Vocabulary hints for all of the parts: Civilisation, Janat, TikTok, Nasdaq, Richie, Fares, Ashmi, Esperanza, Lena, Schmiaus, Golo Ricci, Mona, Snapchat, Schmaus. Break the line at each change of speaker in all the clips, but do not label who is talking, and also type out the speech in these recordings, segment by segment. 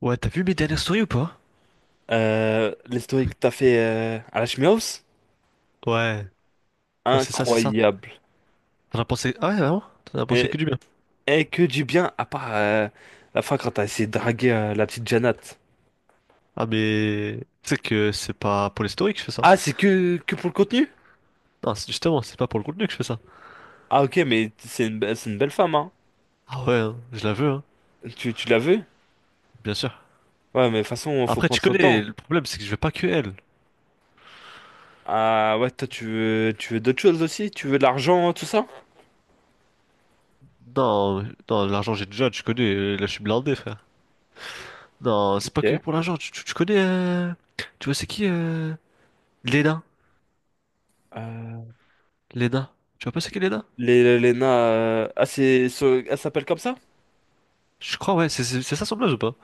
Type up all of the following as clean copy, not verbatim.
Ouais, t'as vu mes dernières stories ou pas?
L'historique que t'as fait à la Schmaus,
Ouais, ouais, c'est ça, c'est ça.
incroyable.
T'en as pensé. Ah ouais, vraiment? T'en as pensé
Et,
que du bien.
et que du bien, à part la fin quand t'as essayé de draguer la petite Janat.
Ah, mais. Tu sais que c'est pas pour les stories que je fais ça.
Ah, c'est que pour le contenu?
Non, justement, c'est pas pour le contenu que je fais ça.
Ah, ok, mais c'est une belle femme, hein.
Ah ouais, hein, je la veux, hein,
Tu l'as vu?
bien sûr.
Ouais, mais de toute façon, faut
Après,
prendre
tu
son
connais,
temps.
le problème, c'est que je veux pas que elle.
Ah, ouais, toi, tu veux d'autres choses aussi? Tu veux de l'argent, tout ça?
Non, non, l'argent, j'ai déjà, tu connais, là, je suis blindé, frère. Non, c'est pas
Ok.
que pour l'argent, tu connais. Tu vois, c'est qui Lena.
Euh,
Lena. Tu vois pas c'est qui Lena?
Lena, ah, elle s'appelle comme ça?
Je crois, ouais, c'est ça son blaze ou pas?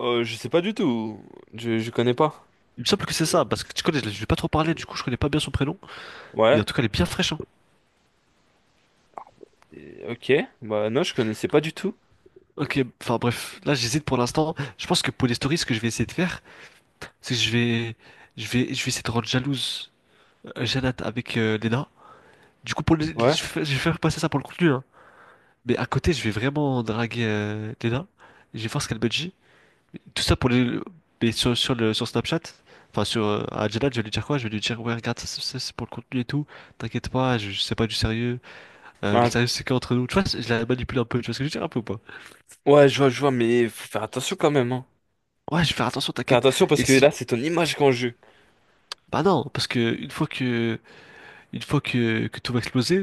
Je sais pas du tout. Je connais pas.
Il me semble que c'est ça, parce que tu connais, je vais pas trop parler, du coup, je connais pas bien son prénom. Mais en
Ouais.
tout cas, elle est bien fraîche, hein.
Ok, bah non, je connaissais pas du tout.
Ok, enfin bref, là j'hésite pour l'instant. Je pense que pour les stories, ce que je vais essayer de faire, c'est que je vais essayer de rendre jalouse Jeannette avec Léna. Du coup, je
Ouais.
vais je vais faire passer ça pour le contenu, hein. Mais à côté, je vais vraiment draguer Léna. Je vais voir ce qu'elle me dit. Tout ça pour les, mais sur Snapchat, enfin sur à Jeannette, je vais lui dire quoi? Je vais lui dire ouais, regarde, ça, c'est pour le contenu et tout. T'inquiète pas, c'est pas du sérieux. Le
Ah,
sérieux c'est qu'entre nous. Tu vois, je la manipule un peu. Tu vois ce que je veux dire un peu ou pas?
ouais, je vois, mais faut faire attention quand même, hein.
Ouais, je vais faire attention,
Faire
t'inquiète.
attention parce
Et
que
si,
là, c'est ton image qu'on jeu.
bah non, parce que une fois que tout va exploser,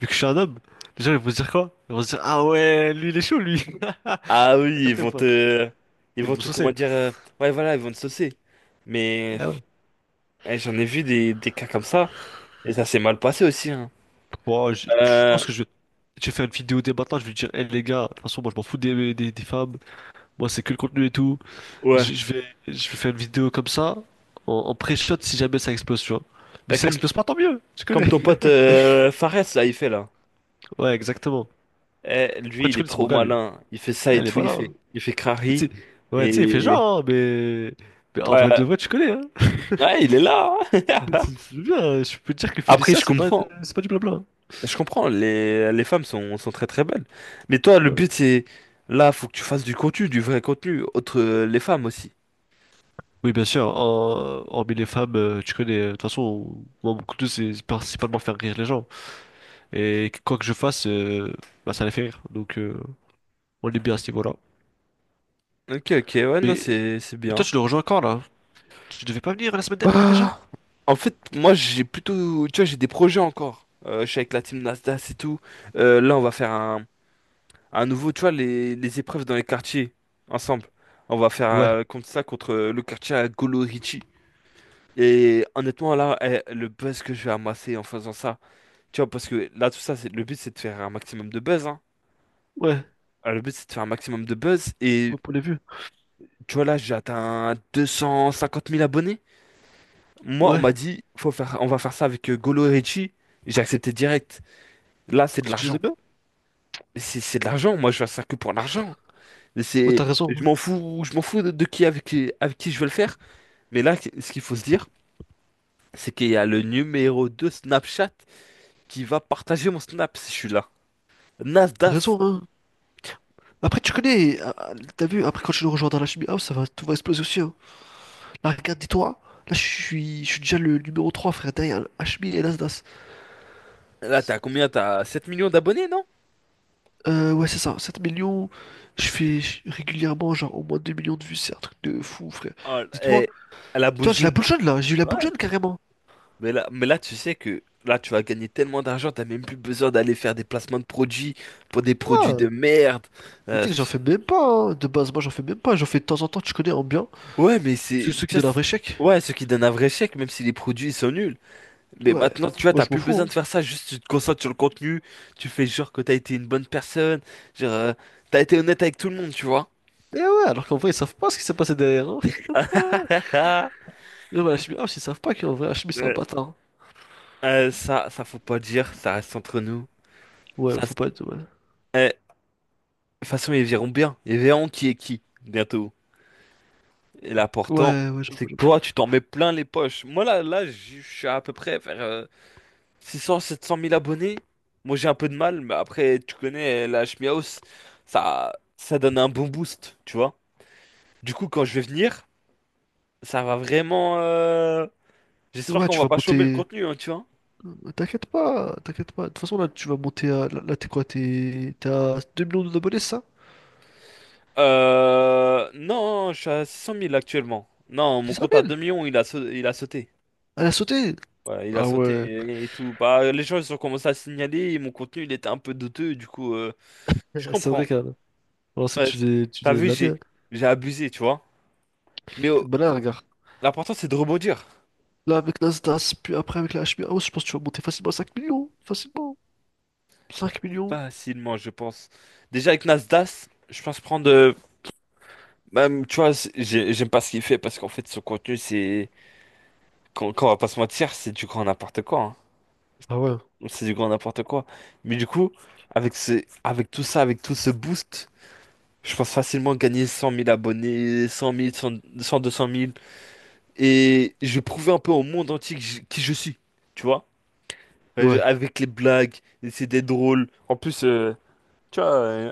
vu que je suis un homme, les gens ils vont se dire quoi? Ils vont se dire ah ouais, lui il est chaud lui. T'as
Ah oui, ils
capté ou
vont
pas?
te... Ils
Ils
vont
vont
te, comment
saucer.
dire... Ouais, voilà, ils vont te saucer. Mais
Ah ouais.
eh, j'en ai vu des cas comme ça, et ça s'est mal passé aussi, hein.
Bon, je
Euh,
pense que je vais faire une vidéo dès maintenant. Je vais dire, hé les gars, de toute façon, moi je m'en fous des femmes. Moi c'est que le contenu et tout.
ouais.
Je vais faire une vidéo comme ça, en pré-shot si jamais ça explose, tu vois. Mais
Bah,
si ça
Comme,
explose pas, tant mieux. Tu
comme
connais.
ton pote Fares, là, il fait, là.
Ouais, exactement.
Eh,
Après,
lui, il
tu
est
connais, c'est mon
trop
gars lui.
malin. Il fait ça
Ah,
et
il est
tout, il
malin,
fait,
hein.
il fait
Tu
crari.
sais- Ouais, tu sais, il fait
Et...
genre, hein, mais... Mais en vrai
Ouais,
de vrai, tu connais, hein.
ouais, il est là, hein.
C'est bien, hein. Je peux te dire que
Après,
Félicia,
je comprends.
c'est pas du blabla, hein.
Je comprends, les femmes sont très très belles. Mais toi, le
Ah ouais.
but c'est là, faut que tu fasses du contenu, du vrai contenu, autre les femmes aussi.
Oui, bien sûr, hormis les femmes, tu connais, de toute façon, moi, mon couteau, c'est principalement faire rire les gens. Et quoi que je fasse, bah, ça les fait rire. Donc, on est bien à ce niveau-là.
Ok, ok, ouais, non,
Mais...
c'est
mais toi,
bien.
tu le rejoins quand, là? Tu devais pas venir la semaine dernière, déjà?
Bah, en fait, moi j'ai plutôt, tu vois, j'ai des projets encore. Je suis avec la team Nasdaq et tout. Là, on va faire un nouveau, tu vois, les épreuves dans les quartiers ensemble. On va faire
Ouais,
contre ça contre le quartier à Golo Ricci. Et honnêtement, là, eh, le buzz que je vais amasser en faisant ça. Tu vois, parce que là, tout ça, c'est, le but, c'est de faire un maximum de buzz, hein.
ouais,
Le but, c'est de faire un maximum de buzz. Et
ouais, pour les vues.
tu vois, là, j'ai atteint 250 000 abonnés. Moi, on
Ouais,
m'a dit, faut faire, on va faire ça avec Golo et Richie. J'ai accepté direct. Là, c'est de
parce que tu les
l'argent.
aimes bien?
Mais c'est de l'argent. Moi, je fais ça que pour l'argent. Mais
Ouais,
c'est,
t'as raison,
je
hein.
m'en fous, je m'en fous de qui avec qui je veux le faire. Mais là, ce qu'il faut se dire, c'est qu'il y a le numéro 2 Snapchat qui va partager mon Snap si je suis là.
T'as
Nasdaq.
raison, hein. Après, tu connais, t'as vu, après quand tu nous rejoins dans la chimie house, ça va, tout va exploser aussi, hein. Là, regarde, dis-toi, là, je suis déjà le numéro 3 frère, derrière HMI et Nasdaq.
Là, t'as combien? T'as 7 millions d'abonnés, non?
Ouais, c'est ça, 7 millions, régulièrement, genre, au moins 2 millions de vues, c'est un truc de fou, frère.
Oh,
Dis-toi,
et à la
dis-toi, j'ai la
boujoune.
boule jaune, là, j'ai eu la
Ouais.
boule jaune, carrément.
Mais là, tu sais que là, tu vas gagner tellement d'argent, t'as même plus besoin d'aller faire des placements de produits pour des produits de
Ah,
merde.
mais tu sais que j'en
Pff.
fais même pas, hein. De base, moi, j'en fais même pas, j'en fais de temps en temps, tu connais, en bien.
Ouais, mais
C'est
c'est,
ceux qui
tu vois,
donnent un
c'est-
vrai chèque.
ouais, ce qui donne un vrai chèque, même si les produits ils sont nuls. Mais
Ouais,
maintenant, tu vois,
moi,
t'as
je m'en
plus besoin de
fous, hein.
faire ça, juste tu te concentres sur le contenu, tu fais genre que t'as été une bonne personne, genre, t'as été honnête avec tout le monde, tu vois.
Eh ouais, alors qu'en vrai, ils savent pas ce qui s'est passé derrière, hein. Non, mais Hachimi, ah, ils savent pas qu'en vrai, Hachimi, c'est un bâtard.
Ça, ça faut pas dire, ça reste entre nous. Ça,
Ouais, faut
c'est-
pas être. Ouais,
eh, de toute façon, ils verront bien. Ils verront qui est qui, bientôt. Et l'important,
ouais, ouais,
c'est
j'avoue,
que
j'avoue.
toi, tu t'en mets plein les poches. Moi, là, je suis à peu près vers 600, 700 000 abonnés. Moi, j'ai un peu de mal, mais après, tu connais la Schmiaus, ça donne un bon boost, tu vois. Du coup, quand je vais venir, ça va vraiment. J'espère
Ouais,
qu'on
tu
va
vas
pas chômer le
monter.
contenu, hein, tu vois.
T'inquiète pas, t'inquiète pas. De toute façon, là, tu vas monter à. Là, là, t'es quoi? T'es à 2 millions d'abonnés, c'est ça?
Non, je suis à 600 000 actuellement. Non, mon
C'est ça,
compte à
mille?
2 millions, il a sauté.
Elle a sauté!
Voilà, il a
Ah ouais,
sauté et, tout. Bah, les gens, ils ont commencé à signaler, et mon contenu, il était un peu douteux, du coup, je
c'est
comprends.
vrai, qu'elle. Alors,
Ouais.
tu
T'as
faisais de
vu,
la,
j'ai,
hein.
j'ai abusé, tu vois. Mais
Bah là, regarde.
l'important, c'est de rebondir.
Là, avec Nasdaq, puis après, avec la Hachimi, ah ouais, je pense que tu vas monter facilement à 5 millions. Facilement. 5 millions.
Facilement, je pense. Déjà, avec Nasdaq, je pense prendre... même, tu vois, j'aime pas ce qu'il fait, parce qu'en fait, son contenu, c'est... Quand on va pas se mentir, c'est du grand n'importe quoi, hein.
Ah ouais.
C'est du grand n'importe quoi. Mais du coup, avec tout ça, avec tout ce boost... Je pense facilement gagner 100 000 abonnés, 100 000, 100, 100, 200 000. Et je vais prouver un peu au monde entier que qui je suis, tu vois?
Ouais.
Avec les blagues, c'est des drôles. En plus, tu vois,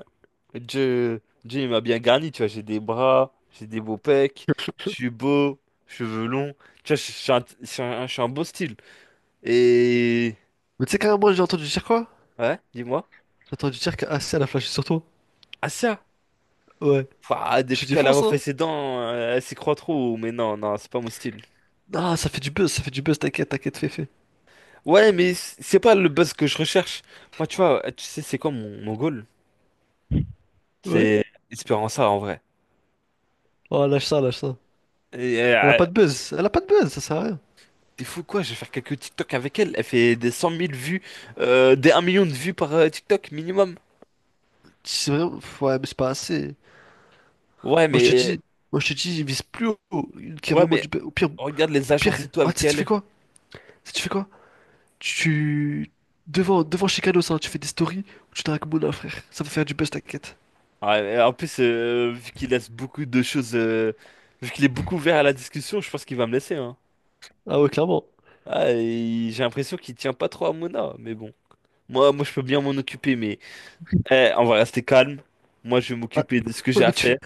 Dieu, Dieu, il m'a bien garni, tu vois. J'ai des bras, j'ai des beaux pecs, je suis beau, cheveux longs. Tu vois, je suis un beau style. Et...
Mais tu sais, quand même, moi, j'ai entendu dire quoi?
Ouais, dis-moi.
J'ai entendu dire qu'Assel a flashé sur toi.
Ah ça!
Ouais.
Enfin,
Je suis
depuis qu'elle a
défonce.
refait ses dents, elle s'y croit trop. Mais non, non, c'est pas mon style.
Ah, ça fait du buzz, ça fait du buzz, t'inquiète, t'inquiète, fais, fais.
Ouais, mais c'est pas le buzz que je recherche. Moi, tu vois, tu sais, c'est quoi mon goal?
Ouais.
C'est Espéranza en vrai.
Oh, lâche ça, lâche ça.
Et,
Elle a
euh,
pas de buzz, elle a pas de buzz, ça sert à rien.
T'es fou quoi? Je vais faire quelques TikTok avec elle. Elle fait des 100 000 vues, des un million de vues par TikTok minimum.
C'est vraiment... Ouais, mais c'est pas assez.
Ouais,
Moi, je te
mais
dis, moi, je te dis, il vise plus haut, qu'il y a
ouais,
vraiment
mais
du buzz.
regarde les
Au pire,
agences et tout
ah, tu
avec
sais, tu
elle.
fais
Est.
quoi? Tu sais, tu fais quoi? Tu... Devant, devant Chicanos, ça tu fais des stories où tu dragues Mouna, frère. Ça va faire du buzz, t'inquiète.
Ouais, et en plus, vu qu'il laisse beaucoup de choses, vu qu'il est beaucoup ouvert à la discussion, je pense qu'il va me laisser, hein.
Ah ouais, clairement.
Ah, et j'ai l'impression qu'il tient pas trop à Mona, mais bon. Moi, moi, je peux bien m'en occuper, mais. Eh, on va rester calme. Moi, je vais
Ah,
m'occuper de ce que
ouais,
j'ai à
mais
faire.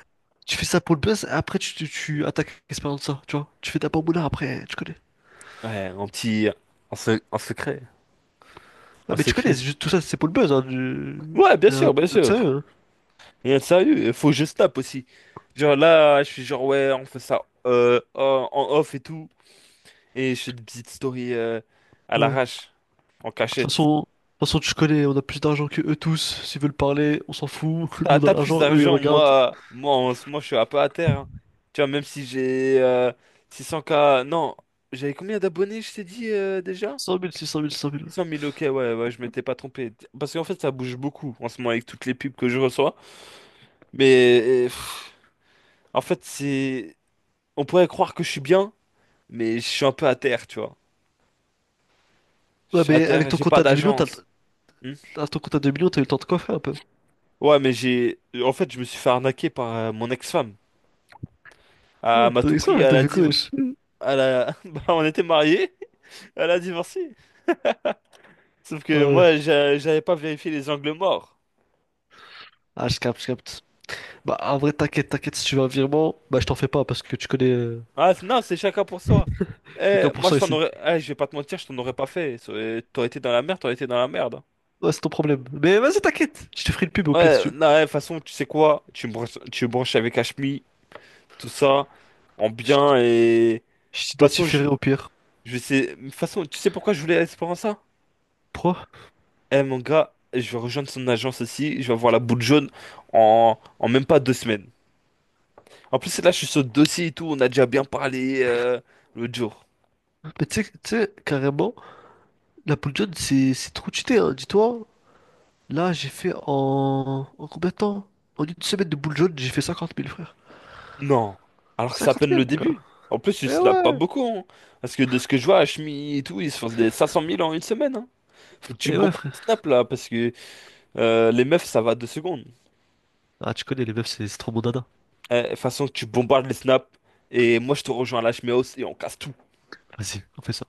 tu fais ça pour le buzz, et après, tu attaques Esperanza, tu vois. Tu fais d'abord Mouna, après, tu connais.
Ouais, en petit... En secret.
Ah,
En
mais tu connais,
secret.
tout ça, c'est pour le buzz, hein, du...
Ouais, bien
Rien
sûr, bien
de
sûr.
sérieux, hein.
Rien de sérieux. Il faut que je tape aussi. Genre là, je suis genre, ouais, on fait ça en off et tout. Et je fais des petites stories à
Ouais. De
l'arrache, en
toute
cachette.
façon, de toute façon, tu connais, on a plus d'argent que eux tous. S'ils veulent parler, on s'en fout. Nous,
T'as,
on a
t'as plus
l'argent, eux, ils
d'argent,
regardent.
moi, moi, en ce moment, je suis un peu à terre, hein. Tu vois, même si j'ai 600K... Non, j'avais combien d'abonnés, je t'ai dit déjà?
100 000, 600 000, 100 000.
600 000, ok, ouais, ouais, je m'étais pas trompé. Parce qu'en fait, ça bouge beaucoup en ce moment avec toutes les pubs que je reçois. Mais pff, en fait, c'est. On pourrait croire que je suis bien, mais je suis un peu à terre, tu vois. Je
Ouais,
suis à
mais avec
terre,
ton
j'ai
compte
pas
à 2 millions,
d'agence. Hmm.
t'as ton compte à 2 millions, t'as eu le temps de coiffer un peu.
Ouais, mais j'ai. En fait, je me suis fait arnaquer par mon ex-femme. Elle m'a
Ton
tout
ex
pris,
elle
elle
te
a
fait quoi,
div...
wesh?
elle a... bah, on était mariés, elle a divorcé. Sauf
Ah
que
ouais.
moi, j'avais pas vérifié les angles morts.
Ah, je capte, je capte. Bah, en vrai, t'inquiète, t'inquiète, si tu veux un virement, bah, je t'en fais pas parce que tu connais,
Ah non, c'est chacun pour soi. Eh,
chacun pour
moi
ça
je t'en
ici.
aurais. Eh, je vais pas te mentir, je t'en aurais pas fait. T'aurais été dans la merde, t'aurais été dans la merde.
Ouais, c'est ton problème. Mais vas-y, t'inquiète, je te ferai une pub au pire si tu
Ouais,
veux.
non, ouais, de toute façon, tu sais quoi? Tu me branches avec Ashmi, tout ça, en
Je
bien et. De toute
je
façon, je,
t'identifierai au pire.
je sais. De toute façon, tu sais pourquoi je voulais Esperanza?
Pourquoi?
Eh mon gars, je vais rejoindre son agence aussi, je vais avoir la boule jaune en même pas 2 semaines. En plus, là, je suis sur le dossier et tout, on a déjà bien parlé l'autre jour.
Mais tu sais, carrément, la Pull John, c'est trop cheaté, hein, dis-toi. Là, j'ai fait en combien de temps? En une semaine de Pull John, j'ai fait 50 000, frère.
Non. Alors que c'est à
50
peine
000,
le
mon gars.
début. En plus, il
Eh
se lave pas
ouais!
beaucoup, hein. Parce que de ce que je vois, Ashmi et tout, ils se font des 500 000 en une semaine, hein. Faut que tu
Eh ouais,
bombardes les
frère.
snaps là. Parce que les meufs, ça va 2 secondes.
Ah, tu connais, les meufs, c'est trop mon dada.
De toute façon, tu bombardes les snaps. Et moi, je te rejoins à l'HMI et on casse tout.
Vas-y, on fait ça.